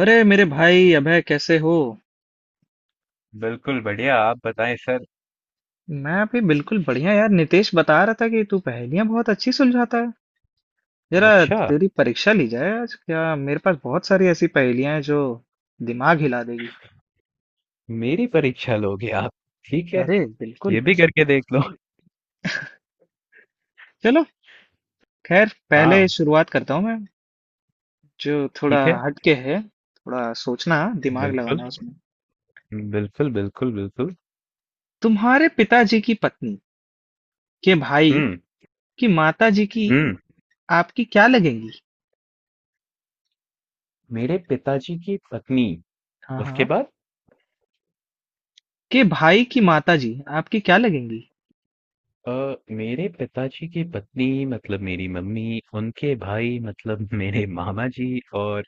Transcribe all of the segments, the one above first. अरे मेरे भाई अभय कैसे हो। बिल्कुल बढ़िया। आप बताएं सर। मैं भी बिल्कुल बढ़िया यार। नितेश बता रहा था कि तू पहेलियां बहुत अच्छी सुलझाता है। जरा अच्छा, तेरी परीक्षा ली जाए आज। क्या मेरे पास बहुत सारी ऐसी पहेलियां हैं जो दिमाग हिला देगी। मेरी परीक्षा लोगे आप? ठीक है, अरे ये बिल्कुल। भी करके देख लो। चलो खैर पहले हाँ, शुरुआत करता हूँ मैं। जो थोड़ा ठीक है। हटके है, थोड़ा सोचना, दिमाग बिल्कुल लगाना उसमें। बिल्कुल बिल्कुल बिल्कुल। तुम्हारे पिताजी की पत्नी के भाई हम्म की माता जी की हम्म। आपकी क्या लगेंगी? मेरे पिताजी की पत्नी, हाँ उसके हाँ, बाद? के भाई की माता जी आपकी क्या लगेंगी? मेरे पिताजी की पत्नी मतलब मेरी मम्मी, उनके भाई मतलब मेरे मामा जी, और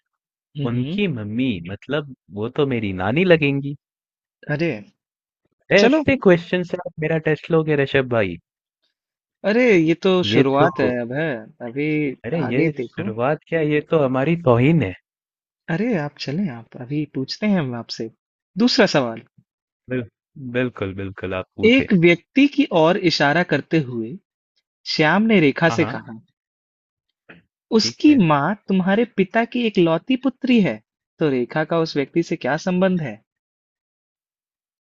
हम्म। उनकी मम्मी मतलब वो तो मेरी नानी लगेंगे। अरे चलो। ऐसे क्वेश्चन से आप मेरा टेस्ट लोगे ऋषभ भाई? अरे ये तो ये शुरुआत है, तो, अब है अभी, अरे आगे ये देखो। शुरुआत क्या, ये तो हमारी तौहीन है। अरे आप चलें, आप अभी पूछते हैं हम आपसे। दूसरा सवाल। बिल, बिल्कुल बिल्कुल, आप पूछे। एक व्यक्ति की ओर इशारा करते हुए श्याम ने रेखा हाँ से हाँ, कहा, ठीक उसकी है। माँ तुम्हारे पिता की इकलौती पुत्री है, तो रेखा का उस व्यक्ति से क्या संबंध है?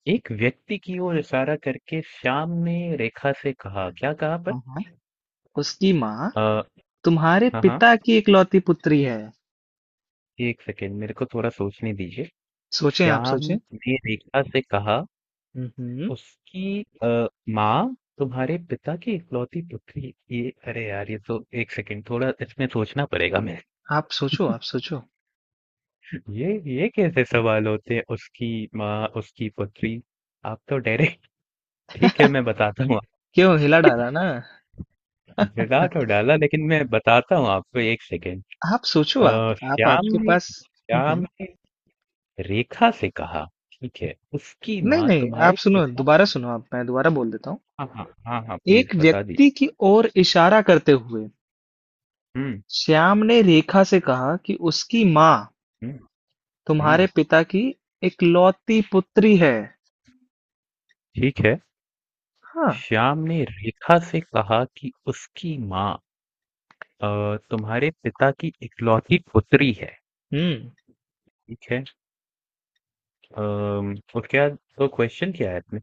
एक व्यक्ति की ओर इशारा करके श्याम ने रेखा से कहा, क्या कहा हाँ पर? हाँ, उसकी माँ आ, तुम्हारे हाँ हाँ, पिता की इकलौती पुत्री है। एक सेकेंड मेरे को थोड़ा सोचने दीजिए। सोचें, आप श्याम सोचें। ने रेखा से कहा हम्म हम्म, उसकी माँ तुम्हारे पिता की इकलौती पुत्री, ये अरे यार ये तो, एक सेकेंड थोड़ा इसमें सोचना पड़ेगा मैं। आप सोचो, आप सोचो। ये कैसे सवाल होते हैं, उसकी माँ उसकी पुत्री, आप तो डरे, ठीक है मैं बताता हूँ। क्यों हिला डाला आपको मिला ना? तो डाला, लेकिन मैं बताता हूँ आपको, एक सेकेंड। आप सोचो, आप। श्याम आपके ने पास। हम्म हम्म। श्याम ने रेखा से कहा, ठीक है, उसकी नहीं माँ नहीं, आप तुम्हारे सुनो, पिता। दोबारा सुनो आप, मैं दोबारा बोल देता हूँ। हाँ हाँ हाँ हाँ, प्लीज एक बता व्यक्ति दीजिए। की ओर इशारा करते हुए हम्म श्याम ने रेखा से कहा कि उसकी माँ हम्म तुम्हारे हम्म, पिता की इकलौती पुत्री है। ठीक है। हाँ। श्याम ने रेखा से कहा कि उसकी माँ तुम्हारे पिता की इकलौती पुत्री है, हम्म। ठीक है। और क्या, तो क्वेश्चन क्या है इसमें?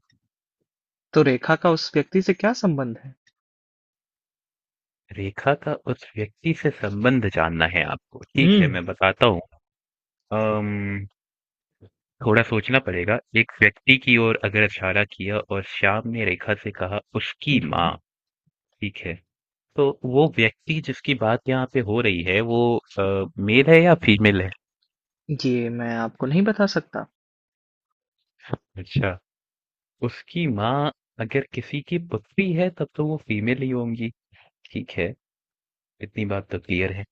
तो रेखा का उस व्यक्ति से क्या संबंध है? रेखा का उस व्यक्ति से संबंध जानना है आपको, ठीक हम्म है मैं बताता हूँ। अम्म थोड़ा सोचना पड़ेगा। एक व्यक्ति की ओर अगर इशारा किया और श्याम ने रेखा से कहा उसकी हम्म हम्म। माँ, ठीक है, तो वो व्यक्ति जिसकी बात यहाँ पे हो रही है, वो मेल है या फीमेल है? ये मैं आपको नहीं बता सकता। अच्छा। उसकी माँ अगर किसी की पुत्री है तब तो वो फीमेल ही होंगी, ठीक है, इतनी बात तो क्लियर है।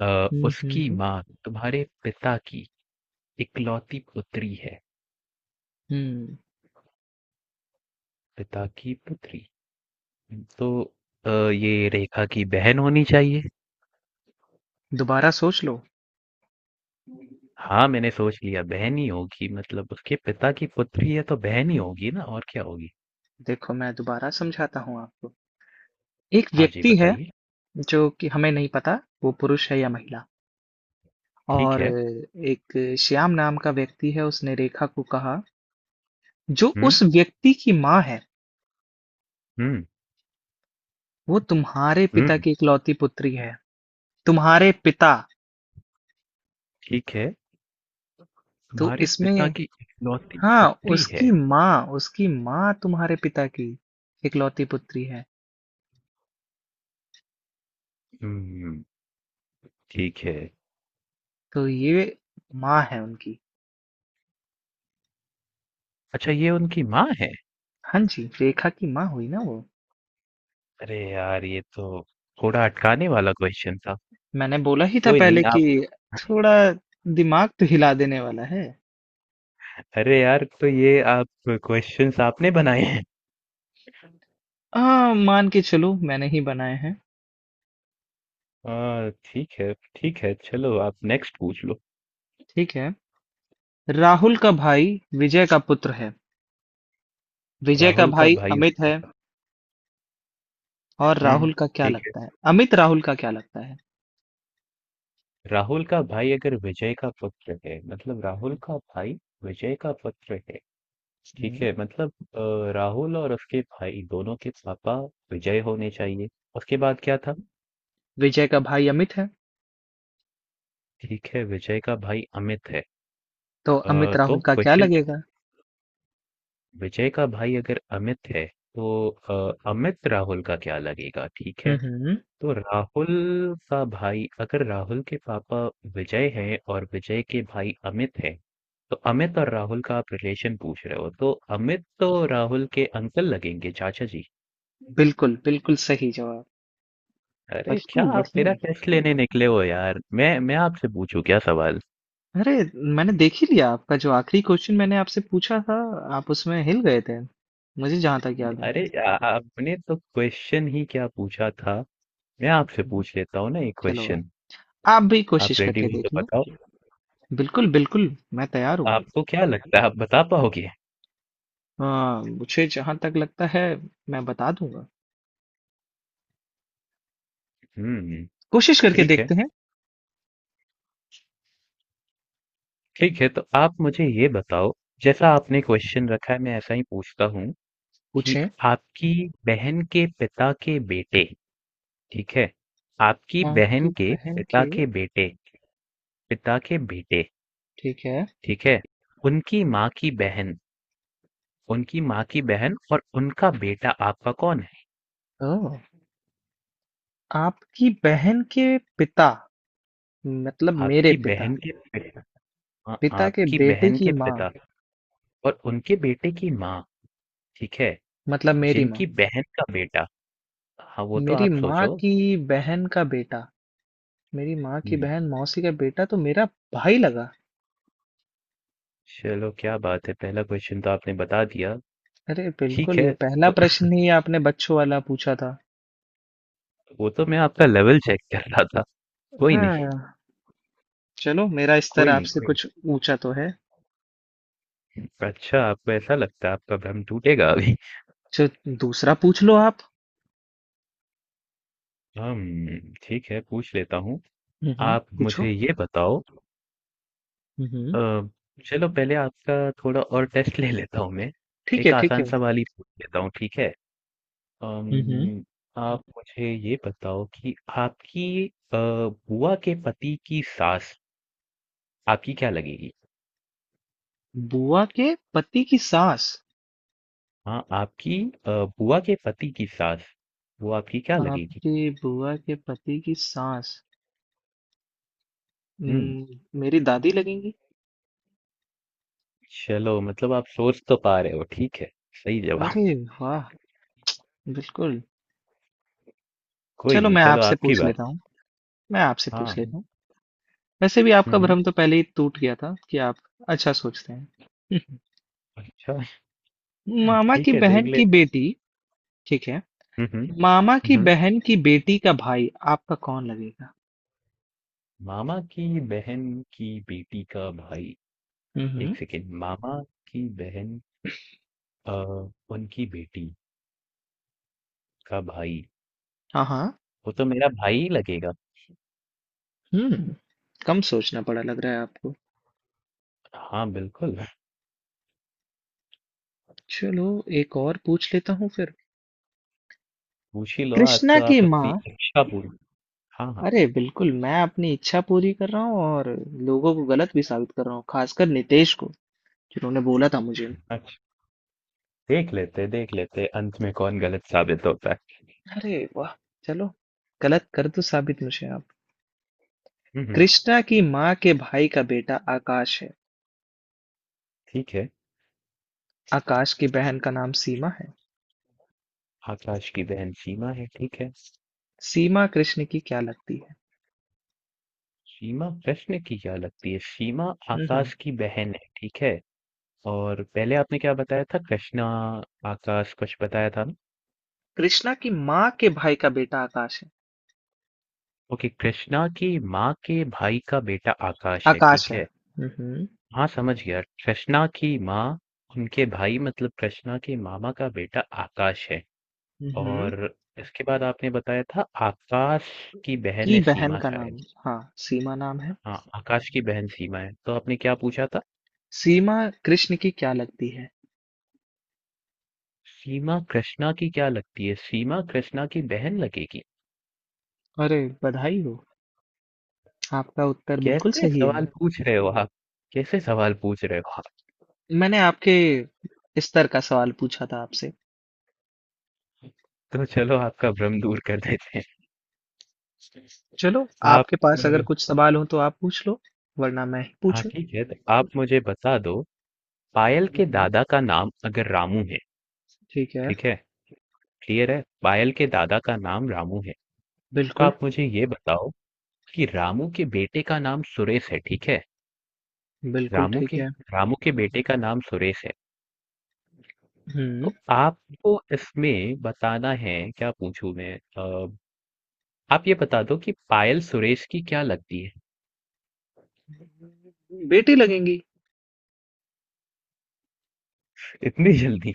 हम्म उसकी हम्म माँ तुम्हारे पिता की इकलौती पुत्री है, हम्म। पिता की पुत्री, तो ये रेखा की बहन होनी चाहिए। दोबारा सोच लो। हाँ, मैंने सोच लिया बहन ही होगी, मतलब उसके पिता की पुत्री है तो बहन ही होगी ना, और क्या होगी? देखो मैं दोबारा समझाता हूँ आपको। एक हाँ जी, व्यक्ति है बताइए। जो कि हमें नहीं पता वो पुरुष है या महिला। ठीक और है। एक श्याम नाम का व्यक्ति है, उसने रेखा को कहा, जो हुँ, उस व्यक्ति की माँ है हुँ, वो तुम्हारे हुँ, पिता की इकलौती पुत्री है। तुम्हारे पिता, ठीक है। तो तुम्हारे पिता इसमें, की इकलौती हाँ पुत्री उसकी है। माँ, उसकी माँ तुम्हारे पिता की इकलौती पुत्री है। हुँ, ठीक है। तो ये माँ है उनकी। अच्छा ये उनकी माँ है? हाँ जी, रेखा की माँ हुई ना वो। अरे यार ये तो थोड़ा अटकाने वाला क्वेश्चन था। मैंने बोला ही था कोई नहीं पहले कि आप। थोड़ा दिमाग तो हिला देने वाला है। अरे यार, तो ये आप क्वेश्चन्स आपने बनाए हैं? मान के चलो मैंने ही बनाए हैं। हाँ, ठीक है, ठीक है। चलो आप नेक्स्ट पूछ लो। ठीक है। राहुल का भाई विजय का पुत्र है। विजय का राहुल का भाई भाई, अमित है। और हुँ, राहुल का क्या ठीक, लगता है, अमित राहुल का क्या लगता है? राहुल का भाई अगर विजय का पुत्र है, मतलब राहुल का भाई विजय का पुत्र है, ठीक हम्म। है, मतलब राहुल और उसके भाई दोनों के पापा विजय होने चाहिए। उसके बाद क्या था? विजय का भाई अमित है, ठीक है, विजय का भाई अमित है। तो अमित तो राहुल का क्या क्वेश्चन क्या है? लगेगा? विजय का भाई अगर अमित है तो अमित राहुल का क्या लगेगा, ठीक है। हम्म। तो राहुल का भाई, अगर राहुल के पापा विजय हैं और विजय के भाई अमित हैं, तो अमित और राहुल का आप रिलेशन पूछ रहे हो, तो अमित तो राहुल के अंकल लगेंगे, चाचा जी। बिल्कुल बिल्कुल सही जवाब। अरे क्या बिल्कुल आप बढ़िया। मेरा टेस्ट लेने निकले हो यार, मैं आपसे पूछूं क्या सवाल। अरे मैंने देख ही लिया आपका। जो आखिरी क्वेश्चन मैंने आपसे पूछा था, आप उसमें हिल गए थे, मुझे जहां तक याद है। अरे आपने तो क्वेश्चन ही क्या पूछा था, मैं आपसे हम्म। पूछ लेता हूँ ना एक चलो आप क्वेश्चन। आप भी आप कोशिश रेडी करके हो तो देख लो। बताओ। बिल्कुल बिल्कुल, मैं तैयार हूँ। आपको क्या लगता है, आप बता पाओगे? हाँ मुझे जहां तक लगता है, मैं बता दूंगा। हम्म, कोशिश करके ठीक है, देखते हैं। ठीक है, तो आप मुझे ये बताओ, जैसा आपने क्वेश्चन रखा है मैं ऐसा ही पूछता हूँ, कि पूछें। आपकी बहन के पिता के बेटे, ठीक है? आपकी आपकी बहन के बहन के, पिता के बेटे, ठीक है। ठीक है? उनकी माँ की बहन, उनकी माँ की बहन और उनका बेटा आपका कौन है? हाँ, आपकी बहन के पिता मतलब मेरे आपकी पिता, बहन के पिता, हाँ, पिता के आपकी बेटे बहन की के माँ पिता, और उनके बेटे की माँ, ठीक है? मतलब मेरी माँ, जिनकी बहन का बेटा, हाँ वो तो मेरी आप माँ सोचो। की बहन का बेटा, मेरी माँ की बहन मौसी का बेटा तो मेरा भाई लगा। चलो क्या बात है, पहला क्वेश्चन तो आपने बता दिया। अरे ठीक बिल्कुल, ये है पहला तो प्रश्न ही आपने बच्चों वाला पूछा था। वो तो मैं आपका लेवल चेक कर रहा था। कोई नहीं हाँ चलो, मेरा स्तर कोई नहीं आपसे कोई कुछ ऊंचा तो है। नहीं। अच्छा, आपको ऐसा लगता है? आपका भ्रम टूटेगा अभी। चलो दूसरा पूछ लो आप। हम, ठीक है पूछ लेता हूँ, हुँ, हुँ, आप पूछो। मुझे ये बताओ। हुँ, हुँ। अ, चलो पहले आपका थोड़ा और टेस्ट ले लेता हूँ मैं। ठीक है, एक ठीक आसान है। सवाल ही पूछ लेता हूँ, ठीक है। हुँ, हुँ। अम, आप मुझे ये बताओ कि आपकी बुआ के पति की सास आपकी क्या लगेगी? बुआ के पति की सास, हाँ, आपकी अ, बुआ के पति की सास, वो आपकी क्या लगेगी? आपकी बुआ के पति की सास, हुँ, उम, मेरी दादी लगेंगी। चलो मतलब आप सोच तो पा रहे हो, ठीक है, सही जवाब। अरे वाह! बिल्कुल। कोई चलो नहीं, मैं चलो आपसे आपकी पूछ बारी। लेता हूँ, मैं आपसे पूछ हाँ, लेता हूँ। वैसे भी हुँ, आपका हुँ, भ्रम तो पहले ही टूट गया था कि आप अच्छा सोचते हैं। हुँ, हुँ। अच्छा। मामा की ठीक है, देख बहन की लेते। बेटी, ठीक है, हुँ, हुँ, मामा हुँ, की हुँ। बहन की बेटी का भाई आपका कौन लगेगा? मामा की बहन की बेटी का भाई, हुँ, 1 हुँ। सेकंड, मामा की बहन अ, उनकी बेटी का भाई, हाँ, हाँ। वो तो मेरा भाई ही लगेगा। हम्म। कम सोचना पड़ा लग रहा है आपको। हाँ, बिल्कुल। चलो एक और पूछ लेता हूँ फिर। पूछ ही लो, आज कृष्णा तो की आप माँ। अपनी इच्छा पूरी। हाँ, हाँ। अरे बिल्कुल, मैं अपनी इच्छा पूरी कर रहा हूँ और लोगों को गलत भी साबित कर रहा हूँ, खासकर नितेश को जिन्होंने बोला था मुझे। देख लेते अंत में कौन गलत साबित होता है। अरे वाह। चलो, गलत कर दो साबित मुझे आप। हम्म, कृष्णा की माँ के भाई का बेटा आकाश है। ठीक है। आकाश की बहन का नाम सीमा है। आकाश की बहन सीमा है, ठीक है। सीमा कृष्ण की क्या लगती है? सीमा प्रश्न की क्या लगती है? सीमा हम्म हम्म। आकाश की बहन है, ठीक है। और पहले आपने क्या बताया था, कृष्णा आकाश कुछ बताया था ना। कृष्णा की माँ के भाई का बेटा आकाश है। ओके, कृष्णा की माँ के भाई का बेटा आकाश है, ठीक आकाश है। है। हाँ समझ गया, कृष्णा की माँ, उनके भाई मतलब कृष्णा के मामा का बेटा आकाश है, हम्म। और इसके बाद आपने बताया था आकाश की बहन की है बहन सीमा का शायद। नाम, हाँ सीमा नाम है। हाँ, आकाश की बहन सीमा है। तो आपने क्या पूछा था? सीमा कृष्ण की क्या लगती है? सीमा कृष्णा की क्या लगती है? सीमा कृष्णा की बहन लगेगी? अरे बधाई हो, आपका उत्तर बिल्कुल कैसे सही है। सवाल पूछ रहे हो आप? कैसे सवाल पूछ रहे हो आप? मैंने आपके स्तर का सवाल पूछा था आपसे। तो चलो आपका भ्रम दूर कर देते हैं। चलो, आप आपके पास अगर अ, कुछ सवाल हो तो आप पूछ लो, वरना मैं ही हाँ पूछूं। ठीक है, तो आप मुझे बता दो, पायल के हम्म, दादा का नाम अगर रामू है, ठीक है। ठीक है? क्लियर है? पायल के दादा का नाम रामू है। तो बिल्कुल आप मुझे ये बताओ कि रामू के बेटे का नाम सुरेश है, ठीक है? बिल्कुल। रामू ठीक के है। रामू के बेटे का नाम सुरेश है। हम्म। तो आपको इसमें बताना है, क्या पूछूं मैं, आप ये बता दो कि पायल सुरेश की क्या लगती है? बेटी लगेंगी। इतनी जल्दी?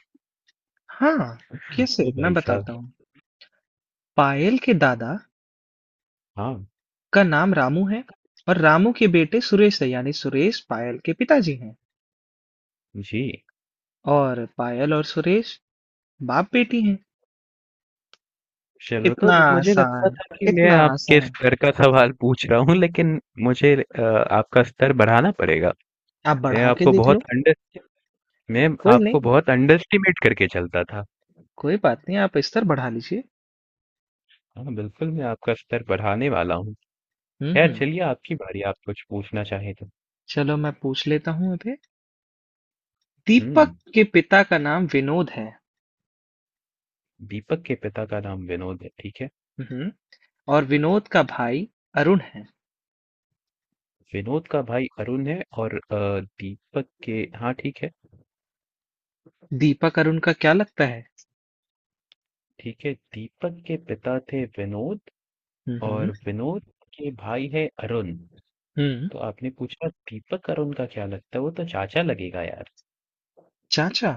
हाँ, कैसे ओ मैं भाई साहब। बताता हूँ। पायल के दादा हाँ का नाम रामू है और रामू के बेटे सुरेश है, यानी सुरेश पायल के पिताजी हैं। जी। और पायल और सुरेश बाप बेटी हैं। चलो तो इतना मुझे लगता आसान, था कि मैं इतना आपके आसान, स्तर का सवाल पूछ रहा हूँ, लेकिन मुझे आपका स्तर बढ़ाना पड़ेगा। आप मैं बढ़ा के आपको देख बहुत लो। अंडर मैं कोई आपको नहीं, बहुत अंडरस्टिमेट करके चलता था। कोई बात नहीं, आप स्तर बढ़ा लीजिए। हाँ बिल्कुल, मैं आपका स्तर बढ़ाने वाला हूँ। खैर हम्म। चलिए, आपकी बारी, आप कुछ पूछना चाहें तो। चलो मैं पूछ लेता हूँ अभी। दीपक हुँ, के पिता का नाम विनोद है। दीपक के पिता का नाम विनोद है, ठीक है? हम्म हम्म। और विनोद का भाई अरुण है। विनोद का भाई अरुण है, और दीपक के, हाँ, ठीक है, दीपक अरुण का क्या लगता है? ठीक है। दीपक के पिता थे विनोद, हम्म हम्म और विनोद के भाई है अरुण। हम्म, तो आपने पूछा दीपक अरुण का क्या लगता है? वो तो चाचा लगेगा यार। चाचा?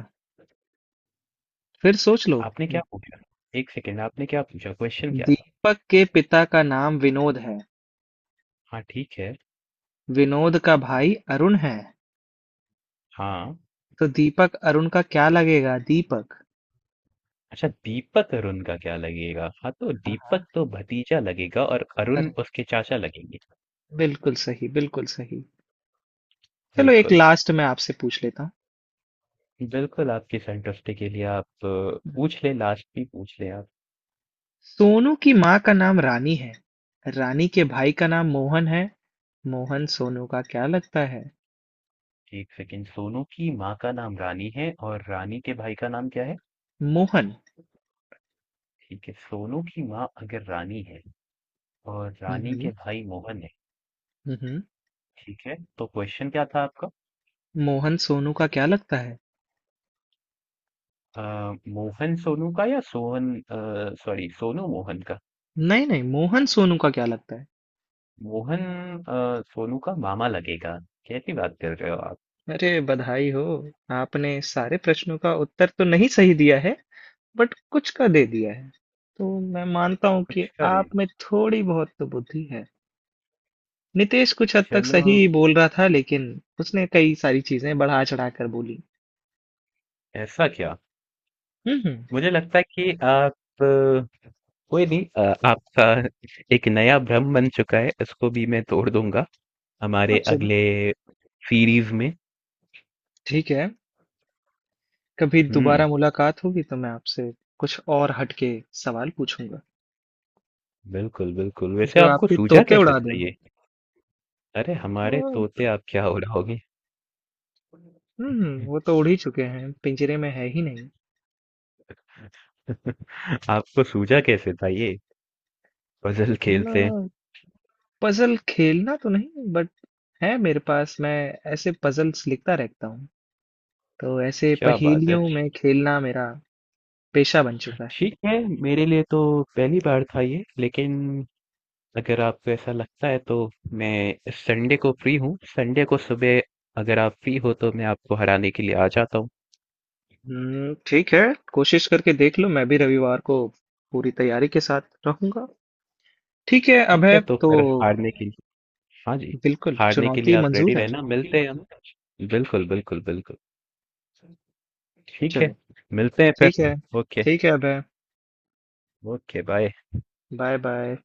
फिर सोच लो। आपने क्या पूछा? 1 सेकंड, आपने क्या पूछा? क्वेश्चन क्या था? दीपक के पिता का नाम विनोद है, हाँ, ठीक है। विनोद का भाई अरुण है, हाँ। तो दीपक अरुण का क्या लगेगा, दीपक? अच्छा दीपक अरुण का क्या लगेगा? हाँ तो हाँ, दीपक तो भतीजा लगेगा और अरे अरुण उसके चाचा लगेंगे। बिल्कुल सही, बिल्कुल सही। चलो एक बिल्कुल, लास्ट मैं आपसे पूछ लेता बिल्कुल, आपकी संतुष्टि के लिए आप हूँ। पूछ लें, लास्ट भी पूछ लें आप। सोनू की माँ का नाम रानी है। रानी के भाई का नाम मोहन है। मोहन सोनू का क्या लगता है? एक सेकंड, सोनू की माँ का नाम रानी है, और रानी के भाई का नाम क्या है? मोहन। ठीक है, सोनू की माँ अगर रानी है और रानी हम्म के भाई मोहन है, हम्म हम्म। ठीक है, तो क्वेश्चन क्या था आपका? मोहन सोनू का क्या लगता है? अ, मोहन सोनू का, या सोहन, सॉरी, सोनू मोहन का, नहीं नहीं, मोहन सोनू का क्या लगता है? मोहन सोनू का मामा लगेगा। कैसी बात कर रहे हो आप? अरे बधाई हो, आपने सारे प्रश्नों का उत्तर तो नहीं सही दिया है, बट कुछ का दे दिया है, तो मैं मानता हूँ कि कुछ का नहीं। आप में थोड़ी बहुत तो बुद्धि है। नितेश कुछ हद तक चलो, सही बोल रहा था, लेकिन उसने कई सारी चीजें बढ़ा चढ़ा कर बोली। ऐसा क्या। हम्म। मुझे लगता है कि आप अ, कोई नहीं, आपका एक नया भ्रम बन चुका है, इसको भी मैं तोड़ दूंगा और हमारे चलो अगले सीरीज में। ठीक है, कभी हम्म, दोबारा मुलाकात होगी तो मैं आपसे कुछ और हटके सवाल पूछूंगा बिल्कुल बिल्कुल, वैसे जो आपको आपके सूझा तोते कैसे उड़ा दें। था ये? अरे हमारे तो, तोते आप क्या उड़ाओगे। हम्म, वो तो उड़ ही चुके हैं, पिंजरे में है ही नहीं। आपको सूझा कैसे था ये, पजल ना, खेलते हैं? पजल खेलना तो नहीं, बट है मेरे पास। मैं ऐसे पजल्स लिखता रहता हूँ, तो ऐसे क्या बात है। पहेलियों में खेलना मेरा पेशा बन चुका है। ठीक है, मेरे लिए तो पहली बार था ये, लेकिन अगर आपको ऐसा लगता है तो मैं संडे को फ्री हूँ, संडे को सुबह अगर आप फ्री हो तो मैं आपको हराने के लिए आ जाता हूँ। ठीक है, कोशिश करके देख लो। मैं भी रविवार को पूरी तैयारी के साथ रहूंगा। ठीक है ठीक है अभय तो तो, फिर हारने के लिए, हाँ जी, बिल्कुल हारने के लिए चुनौती आप रेडी मंजूर है। रहना, मिलते हैं हम। बिल्कुल बिल्कुल बिल्कुल, ठीक चलो है, मिलते हैं ठीक फिर। है, ओके। ठीक है Abhay, okay bye. Bye bye.